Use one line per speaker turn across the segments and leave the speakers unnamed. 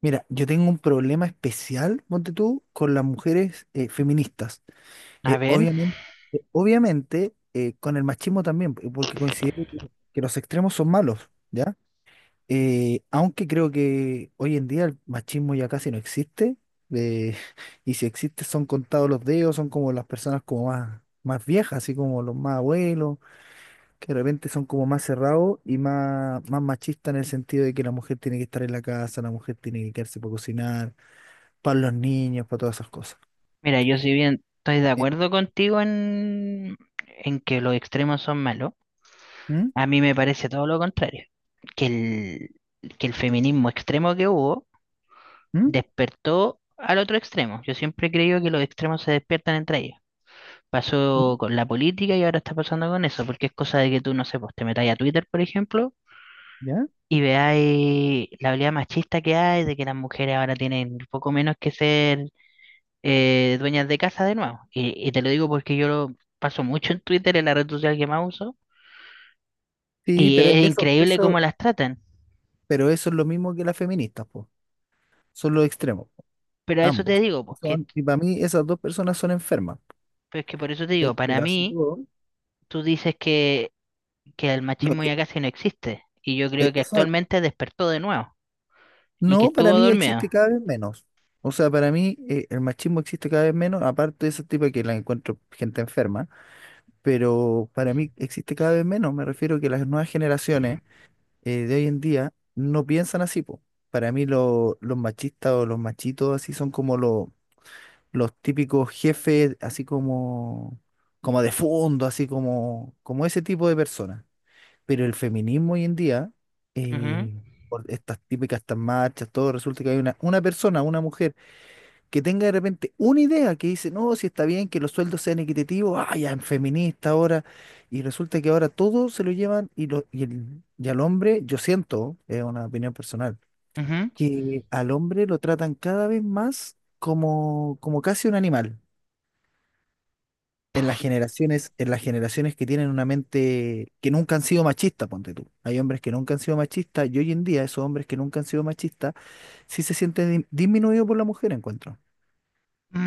Mira, yo tengo un problema especial, ponte tú, con las mujeres feministas.
A
Eh,
ver,
obviamente, obviamente, con el machismo también, porque considero que los extremos son malos, ¿ya? Aunque creo que hoy en día el machismo ya casi no existe, eh, y si existe son contados los dedos, son como las personas como más viejas, así como los más abuelos, que de repente son como más cerrados y más machistas en el sentido de que la mujer tiene que estar en la casa, la mujer tiene que quedarse para cocinar para los niños, para todas esas cosas.
mira, yo si bien estoy de
Eh,
acuerdo contigo en que los extremos son malos,
¿Mm?
a mí me parece todo lo contrario, que que el feminismo extremo que hubo
¿Mm?
despertó al otro extremo. Yo siempre he creído que los extremos se despiertan entre ellos.
¿Mm?
Pasó con la política y ahora está pasando con eso, porque es cosa de que tú, no sé, pues te metáis a Twitter, por ejemplo,
¿Ya?
y veáis la habilidad machista que hay, de que las mujeres ahora tienen poco menos que ser dueñas de casa de nuevo. Y te lo digo porque yo lo paso mucho en Twitter, en la red social que más uso,
Sí,
y es increíble cómo las tratan.
pero eso es lo mismo que las feministas, po. Son los extremos, po,
Pero a eso te
ambos.
digo.
Son, y para mí esas dos personas son enfermas.
Pues que por eso te digo,
¿Cachai?
para
Pero así
mí,
todo,
tú dices que el
no,
machismo
que-
ya casi no existe, y yo creo
eh,
que
o sea,
actualmente despertó de nuevo, y que
no, para
estuvo
mí
dormido.
existe cada vez menos. O sea, para mí el machismo existe cada vez menos, aparte de ese tipo que la encuentro gente enferma, pero para mí existe cada vez menos. Me refiero que las nuevas generaciones de hoy en día no piensan así, po. Para mí los machistas o los machitos así son como los típicos jefes, así como, como de fondo, así como, como ese tipo de personas. Pero el feminismo hoy en día,
Ujú,
eh, por estas típicas, estas marchas, todo resulta que hay una persona, una mujer que tenga de repente una idea que dice, no, si está bien que los sueldos sean equitativos, ah, ya en feminista ahora, y resulta que ahora todo se lo llevan y al hombre, yo siento, es una opinión personal,
ujú.
que al hombre lo tratan cada vez más como, como casi un animal. En las generaciones que tienen una mente que nunca han sido machistas, ponte tú. Hay hombres que nunca han sido machistas y hoy en día esos hombres que nunca han sido machistas sí se sienten disminuidos por la mujer, encuentro.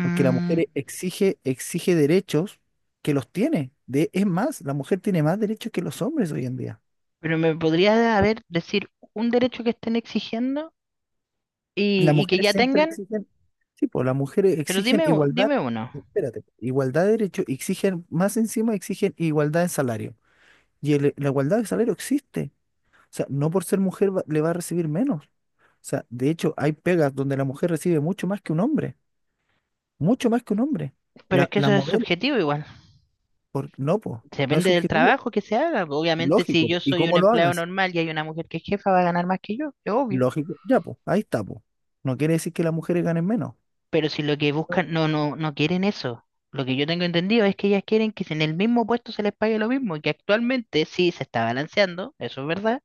Porque la mujer e, exige, exige derechos que los tiene. De, es más, la mujer tiene más derechos que los hombres hoy en día.
pero me podría haber decir un derecho que estén exigiendo
Las
y que
mujeres
ya
siempre
tengan,
exigen, sí, pues las mujeres
pero
exigen
dime,
igualdad,
dime uno.
espérate, igualdad de derechos, exigen, más encima exigen igualdad en salario. La igualdad de salario existe. O sea, no por ser mujer le va a recibir menos. O sea, de hecho, hay pegas donde la mujer recibe mucho más que un hombre, mucho más que un hombre.
Pero es
La,
que
la
eso es
modelo,
subjetivo igual.
por, no, pues, no es
Depende del
subjetivo,
trabajo que se haga. Pues obviamente, si
lógico.
yo
¿Y
soy un
cómo lo
empleado
hagas?
normal y hay una mujer que es jefa, va a ganar más que yo, es obvio.
Lógico. Ya, pues, ahí está, pues. No quiere decir que las mujeres ganen menos.
Pero si lo que buscan, no quieren eso. Lo que yo tengo entendido es que ellas quieren que si en el mismo puesto se les pague lo mismo, y que actualmente sí se está balanceando, eso es verdad,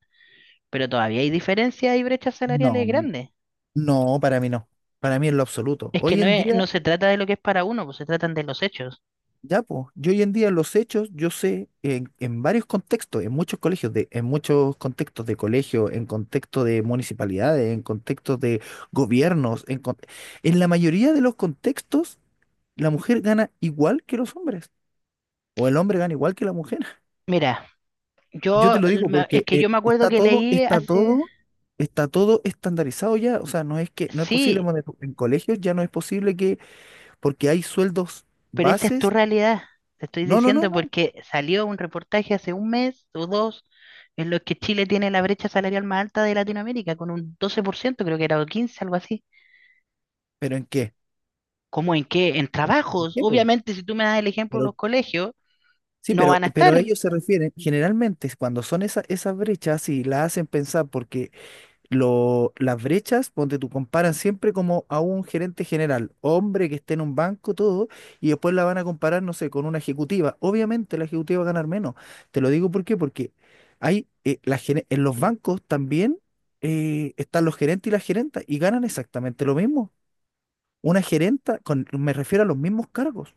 pero todavía hay diferencias y brechas salariales
No,
grandes.
no, para mí no. Para mí en lo absoluto.
Es que
Hoy en día,
no se trata de lo que es para uno, pues se tratan de los hechos.
ya, pues, yo hoy en día en los hechos, yo sé en varios contextos, en muchos colegios, de, en muchos contextos de colegio, en contexto de municipalidades, en contextos de gobiernos, en la mayoría de los contextos, la mujer gana igual que los hombres, o el hombre gana igual que la mujer.
Mira,
Yo te lo digo
es
porque
que yo me acuerdo que leí hace,
está todo estandarizado ya. O sea, no es que no es posible
sí.
bueno, en colegios ya no es posible que porque hay sueldos
Pero esa es tu
bases.
realidad, te estoy
No, no, no,
diciendo,
no.
porque salió un reportaje hace un mes o dos en los que Chile tiene la brecha salarial más alta de Latinoamérica, con un 12%, creo que era, o 15, algo así.
¿Pero en qué?
¿Cómo en qué? En
¿En
trabajos.
qué, po?
Obviamente, si tú me das el ejemplo de los
Pero
colegios,
sí,
no
pero
van a
pero
estar.
ellos se refieren generalmente cuando son esas brechas y la hacen pensar porque las brechas, donde tú comparan siempre como a un gerente general, hombre que esté en un banco, todo, y después la van a comparar, no sé, con una ejecutiva. Obviamente la ejecutiva va a ganar menos. Te lo digo ¿por qué? Porque hay, en los bancos también están los gerentes y las gerentas y ganan exactamente lo mismo. Una gerenta, con, me refiero a los mismos cargos.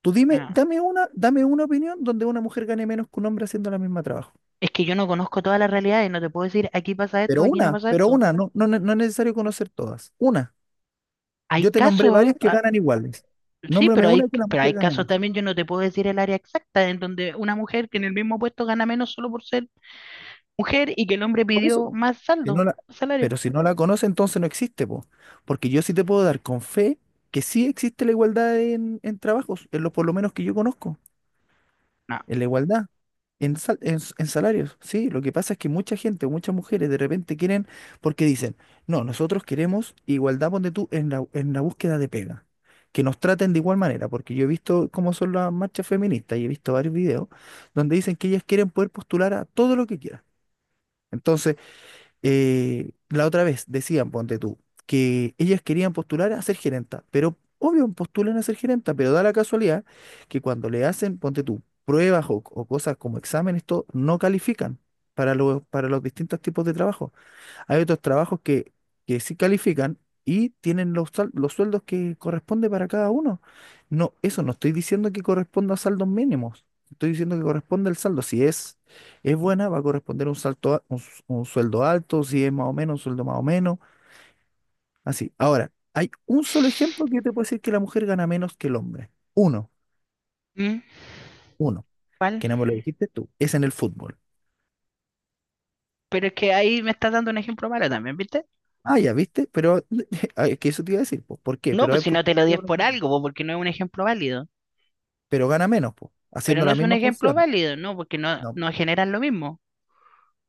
Tú dime,
No.
dame una opinión donde una mujer gane menos que un hombre haciendo la misma trabajo.
Es que yo no conozco todas las realidades, no te puedo decir aquí pasa esto, aquí no pasa
Pero
esto.
una, no, no es necesario conocer todas. Una.
Hay
Yo te nombré
casos,
varias que
ah,
ganan iguales.
sí,
Nómbrame
pero
una que la mujer
hay
gane
casos
más.
también, yo no te puedo decir el área exacta en donde una mujer que en el mismo puesto gana menos solo por ser mujer y que el hombre
Por eso,
pidió
po.
más
Si no
saldo,
la,
salario.
pero si no la conoce, entonces no existe, po. Porque yo sí te puedo dar con fe que sí existe la igualdad en trabajos, en lo por lo menos que yo conozco.
No.
En la igualdad, en salarios, sí. Lo que pasa es que mucha gente, muchas mujeres de repente quieren, porque dicen, no, nosotros queremos igualdad, ponte tú, en la búsqueda de pega. Que nos traten de igual manera, porque yo he visto cómo son las marchas feministas y he visto varios videos donde dicen que ellas quieren poder postular a todo lo que quieran. Entonces, la otra vez decían, ponte tú, que ellas querían postular a ser gerenta, pero obvio postulan a ser gerenta, pero da la casualidad que cuando le hacen, ponte tú, pruebas o cosas como exámenes, todo, no califican para los distintos tipos de trabajo. Hay otros trabajos que sí califican y tienen los sueldos que corresponde para cada uno. No, eso no estoy diciendo que corresponda a saldos mínimos. Estoy diciendo que corresponde al saldo. Si es, es buena, va a corresponder un salto, a- un, s- un sueldo alto, si es más o menos, un sueldo más o menos. Así. Ahora, hay un solo ejemplo que yo te puedo decir que la mujer gana menos que el hombre. Uno,
Mm,
uno,
¿cuál?
que no me lo dijiste tú, es en el fútbol.
Pero es que ahí me estás dando un ejemplo malo también, ¿viste?
Ah, ya, ¿viste? Pero es que eso te iba a decir, pues, ¿por qué?
No,
Pero
pues
es
si no te
porque…
lo dies por algo, pues, porque no es un ejemplo válido.
pero gana menos, po,
Pero
haciendo
no
la
es un
misma
ejemplo
función.
válido, no, porque
No,
no generan lo mismo.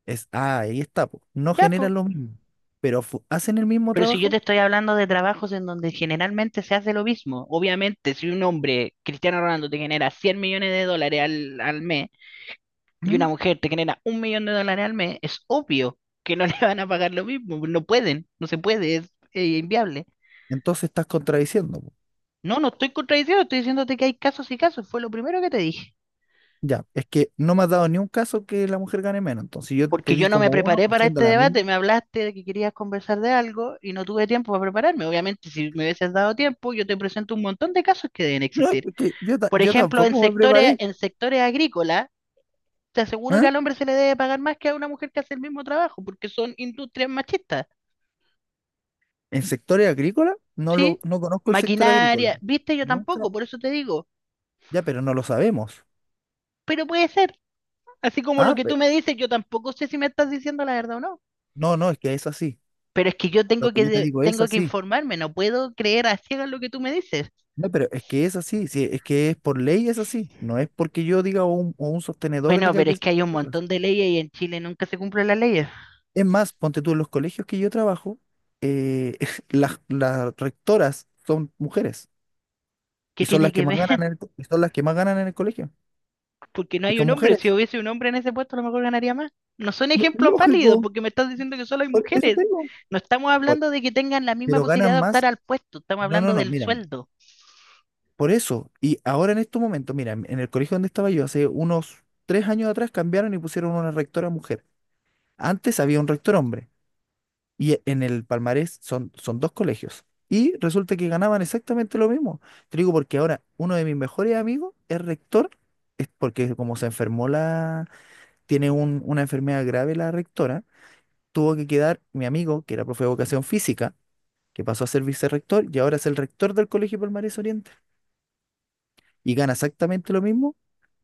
es, ah, ahí está, po. No
Ya, pues.
generan lo mismo, pero hacen el mismo
Pero si yo te
trabajo.
estoy hablando de trabajos en donde generalmente se hace lo mismo, obviamente si un hombre, Cristiano Ronaldo, te genera 100 millones de dólares al mes, y una
¿Mm?
mujer te genera un millón de dólares al mes, es obvio que no le van a pagar lo mismo, no pueden, no se puede, es inviable.
Entonces estás contradiciendo, po.
No, no estoy contradiciendo, estoy diciéndote que hay casos y casos, fue lo primero que te dije.
Ya, es que no me has dado ni un caso que la mujer gane menos. Entonces yo te
Porque yo
di
no me
como uno
preparé para
haciendo
este
la
debate,
misma.
me hablaste de que querías conversar de algo y no tuve tiempo para prepararme. Obviamente, si me hubieses dado tiempo, yo te presento un montón de casos que deben
No, es
existir.
que
Por
yo
ejemplo,
tampoco me preparé.
en sectores agrícolas, te aseguro que
¿Ah?
al hombre se le debe pagar más que a una mujer que hace el mismo trabajo, porque son industrias machistas.
¿En sectores agrícolas?
¿Sí?
No conozco el sector agrícola.
Maquinaria, viste, yo
Nunca.
tampoco, por eso te digo,
Ya, pero no lo sabemos.
pero puede ser. Así como lo
Ah,
que tú
pe-
me dices, yo tampoco sé si me estás diciendo la verdad o no.
no, es que es así.
Pero es que yo
Lo
tengo
que yo te digo es
tengo que
así.
informarme, no puedo creer a ciegas lo que tú me dices.
No, pero es que es así, sí, es que es por ley es así, no es porque yo diga o un sostenedor
Bueno,
diga
pero
que
es que hay un
es así.
montón de leyes y en Chile nunca se cumplen las leyes.
Es más, ponte tú en los colegios que yo trabajo, eh, las rectoras son mujeres
¿Qué
y son
tiene
las que
que
más
ver?
ganan y son las que más ganan en el colegio
Porque no
y
hay
son
un hombre. Si
mujeres.
hubiese un hombre en ese puesto, a lo mejor ganaría más. No son ejemplos válidos
Lógico,
porque me estás diciendo que solo hay
por eso
mujeres.
tengo.
No estamos
Por-
hablando de que tengan la misma
pero
posibilidad
ganan
de optar
más.
al puesto, estamos
No, no,
hablando
no,
del
mira, mira,
sueldo.
por eso. Y ahora en estos momentos, mira, en el colegio donde estaba yo hace unos 3 años atrás cambiaron y pusieron una rectora mujer. Antes había un rector hombre. Y e, en el palmarés son, son dos colegios. Y resulta que ganaban exactamente lo mismo. Te digo porque ahora uno de mis mejores amigos es rector, es porque como se enfermó la, tiene una enfermedad grave la rectora, tuvo que quedar mi amigo, que era profe de educación física, que pasó a ser vicerrector y ahora es el rector del Colegio Palmarés Oriente. Y gana exactamente lo mismo,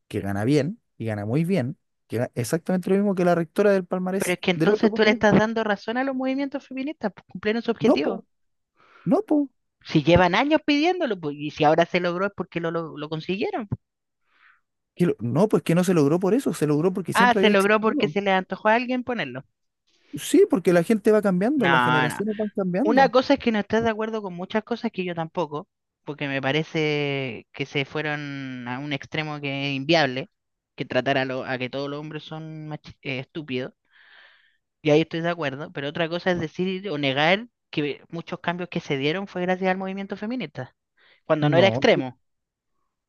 que gana bien, y gana muy bien, que gana exactamente lo mismo que la rectora del
Pero
Palmarés,
es que
del otro
entonces tú le
Palmarés.
estás dando razón a los movimientos feministas, pues cumplieron su
No, po,
objetivo.
no, po.
Si llevan años pidiéndolo, pues, y si ahora se logró es porque lo consiguieron, pues.
No, pues que no se logró por eso, se logró porque
Ah,
siempre
se
había
logró porque
existido.
se le antojó a alguien ponerlo.
Sí, porque la gente va cambiando, las
No, no.
generaciones van
Una
cambiando.
cosa es que no estás de acuerdo con muchas cosas que yo tampoco, porque me parece que se fueron a un extremo que es inviable, que tratar a que todos los hombres son estúpidos, y ahí estoy de acuerdo, pero otra cosa es decir o negar que muchos cambios que se dieron fue gracias al movimiento feminista cuando no era
No, yo-
extremo,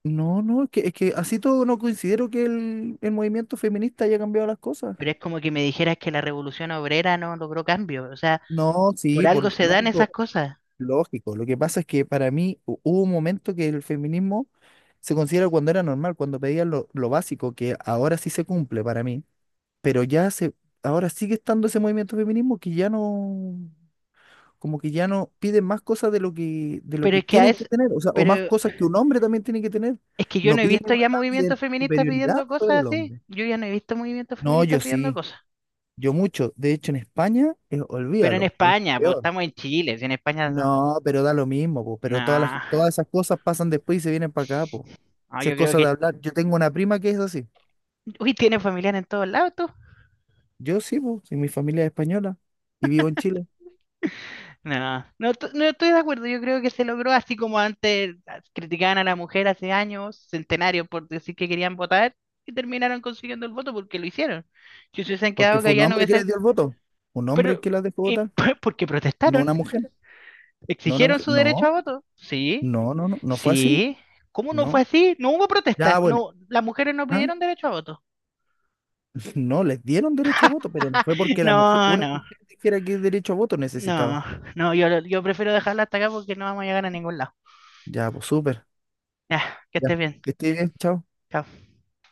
no, no, es que así todo no considero que el movimiento feminista haya cambiado las cosas.
pero es como que me dijeras que la revolución obrera no logró cambio, o sea,
No,
por
sí,
algo
por
se dan esas
lógico,
cosas,
lógico. Lo que pasa es que para mí hubo un momento que el feminismo se considera cuando era normal, cuando pedían lo básico, que ahora sí se cumple para mí, pero ya se, ahora sigue estando ese movimiento feminismo que ya no. Como que ya no piden más cosas de lo
pero
que
es que a
tienen que
es,
tener, o sea, o más
pero
cosas que un hombre también tiene que tener.
es que yo
No
no he
piden
visto ya
igualdad,
movimientos
piden
feministas
superioridad
pidiendo
sobre
cosas
el
así,
hombre.
yo ya no he visto movimientos
No,
feministas
yo
pidiendo
sí,
cosas,
yo mucho. De hecho, en España,
pero en
olvídalo, es
España, pues
peor.
estamos en Chile, si en España son-
No, pero da lo mismo, po, pero
no,
todas esas cosas pasan después y se vienen para acá, po.
no,
Si
yo
es
creo
cosa de
que,
hablar, yo tengo una prima que es así.
uy, tiene familiar en todos lados tú.
Yo sí, po, si mi familia es española y vivo en Chile,
No estoy de acuerdo. Yo creo que se logró así como antes ah, criticaban a la mujer hace años, centenarios, por decir que querían votar y terminaron consiguiendo el voto porque lo hicieron. Si se hubiesen
porque
quedado
fue un
callados, no
hombre que
hubiesen.
les dio el voto, un hombre
Pero,
que las dejó
y
votar,
pues, porque
no
protestaron,
una mujer, no una
exigieron
mujer,
su derecho a
no.
voto. Sí,
No, fue así,
sí. ¿Cómo no
no.
fue así? No hubo
Ya,
protestas.
bueno,
No, las mujeres no
ah,
pidieron derecho a voto.
no, les dieron derecho a voto, pero no fue porque la mujer,
No,
una
no,
mujer dijera que derecho a voto
no,
necesitaba.
no. Yo prefiero dejarla hasta acá porque no vamos a llegar a ningún lado.
Ya, pues súper.
Ya, que
Ya,
estés bien.
que esté bien, chao.
Chao.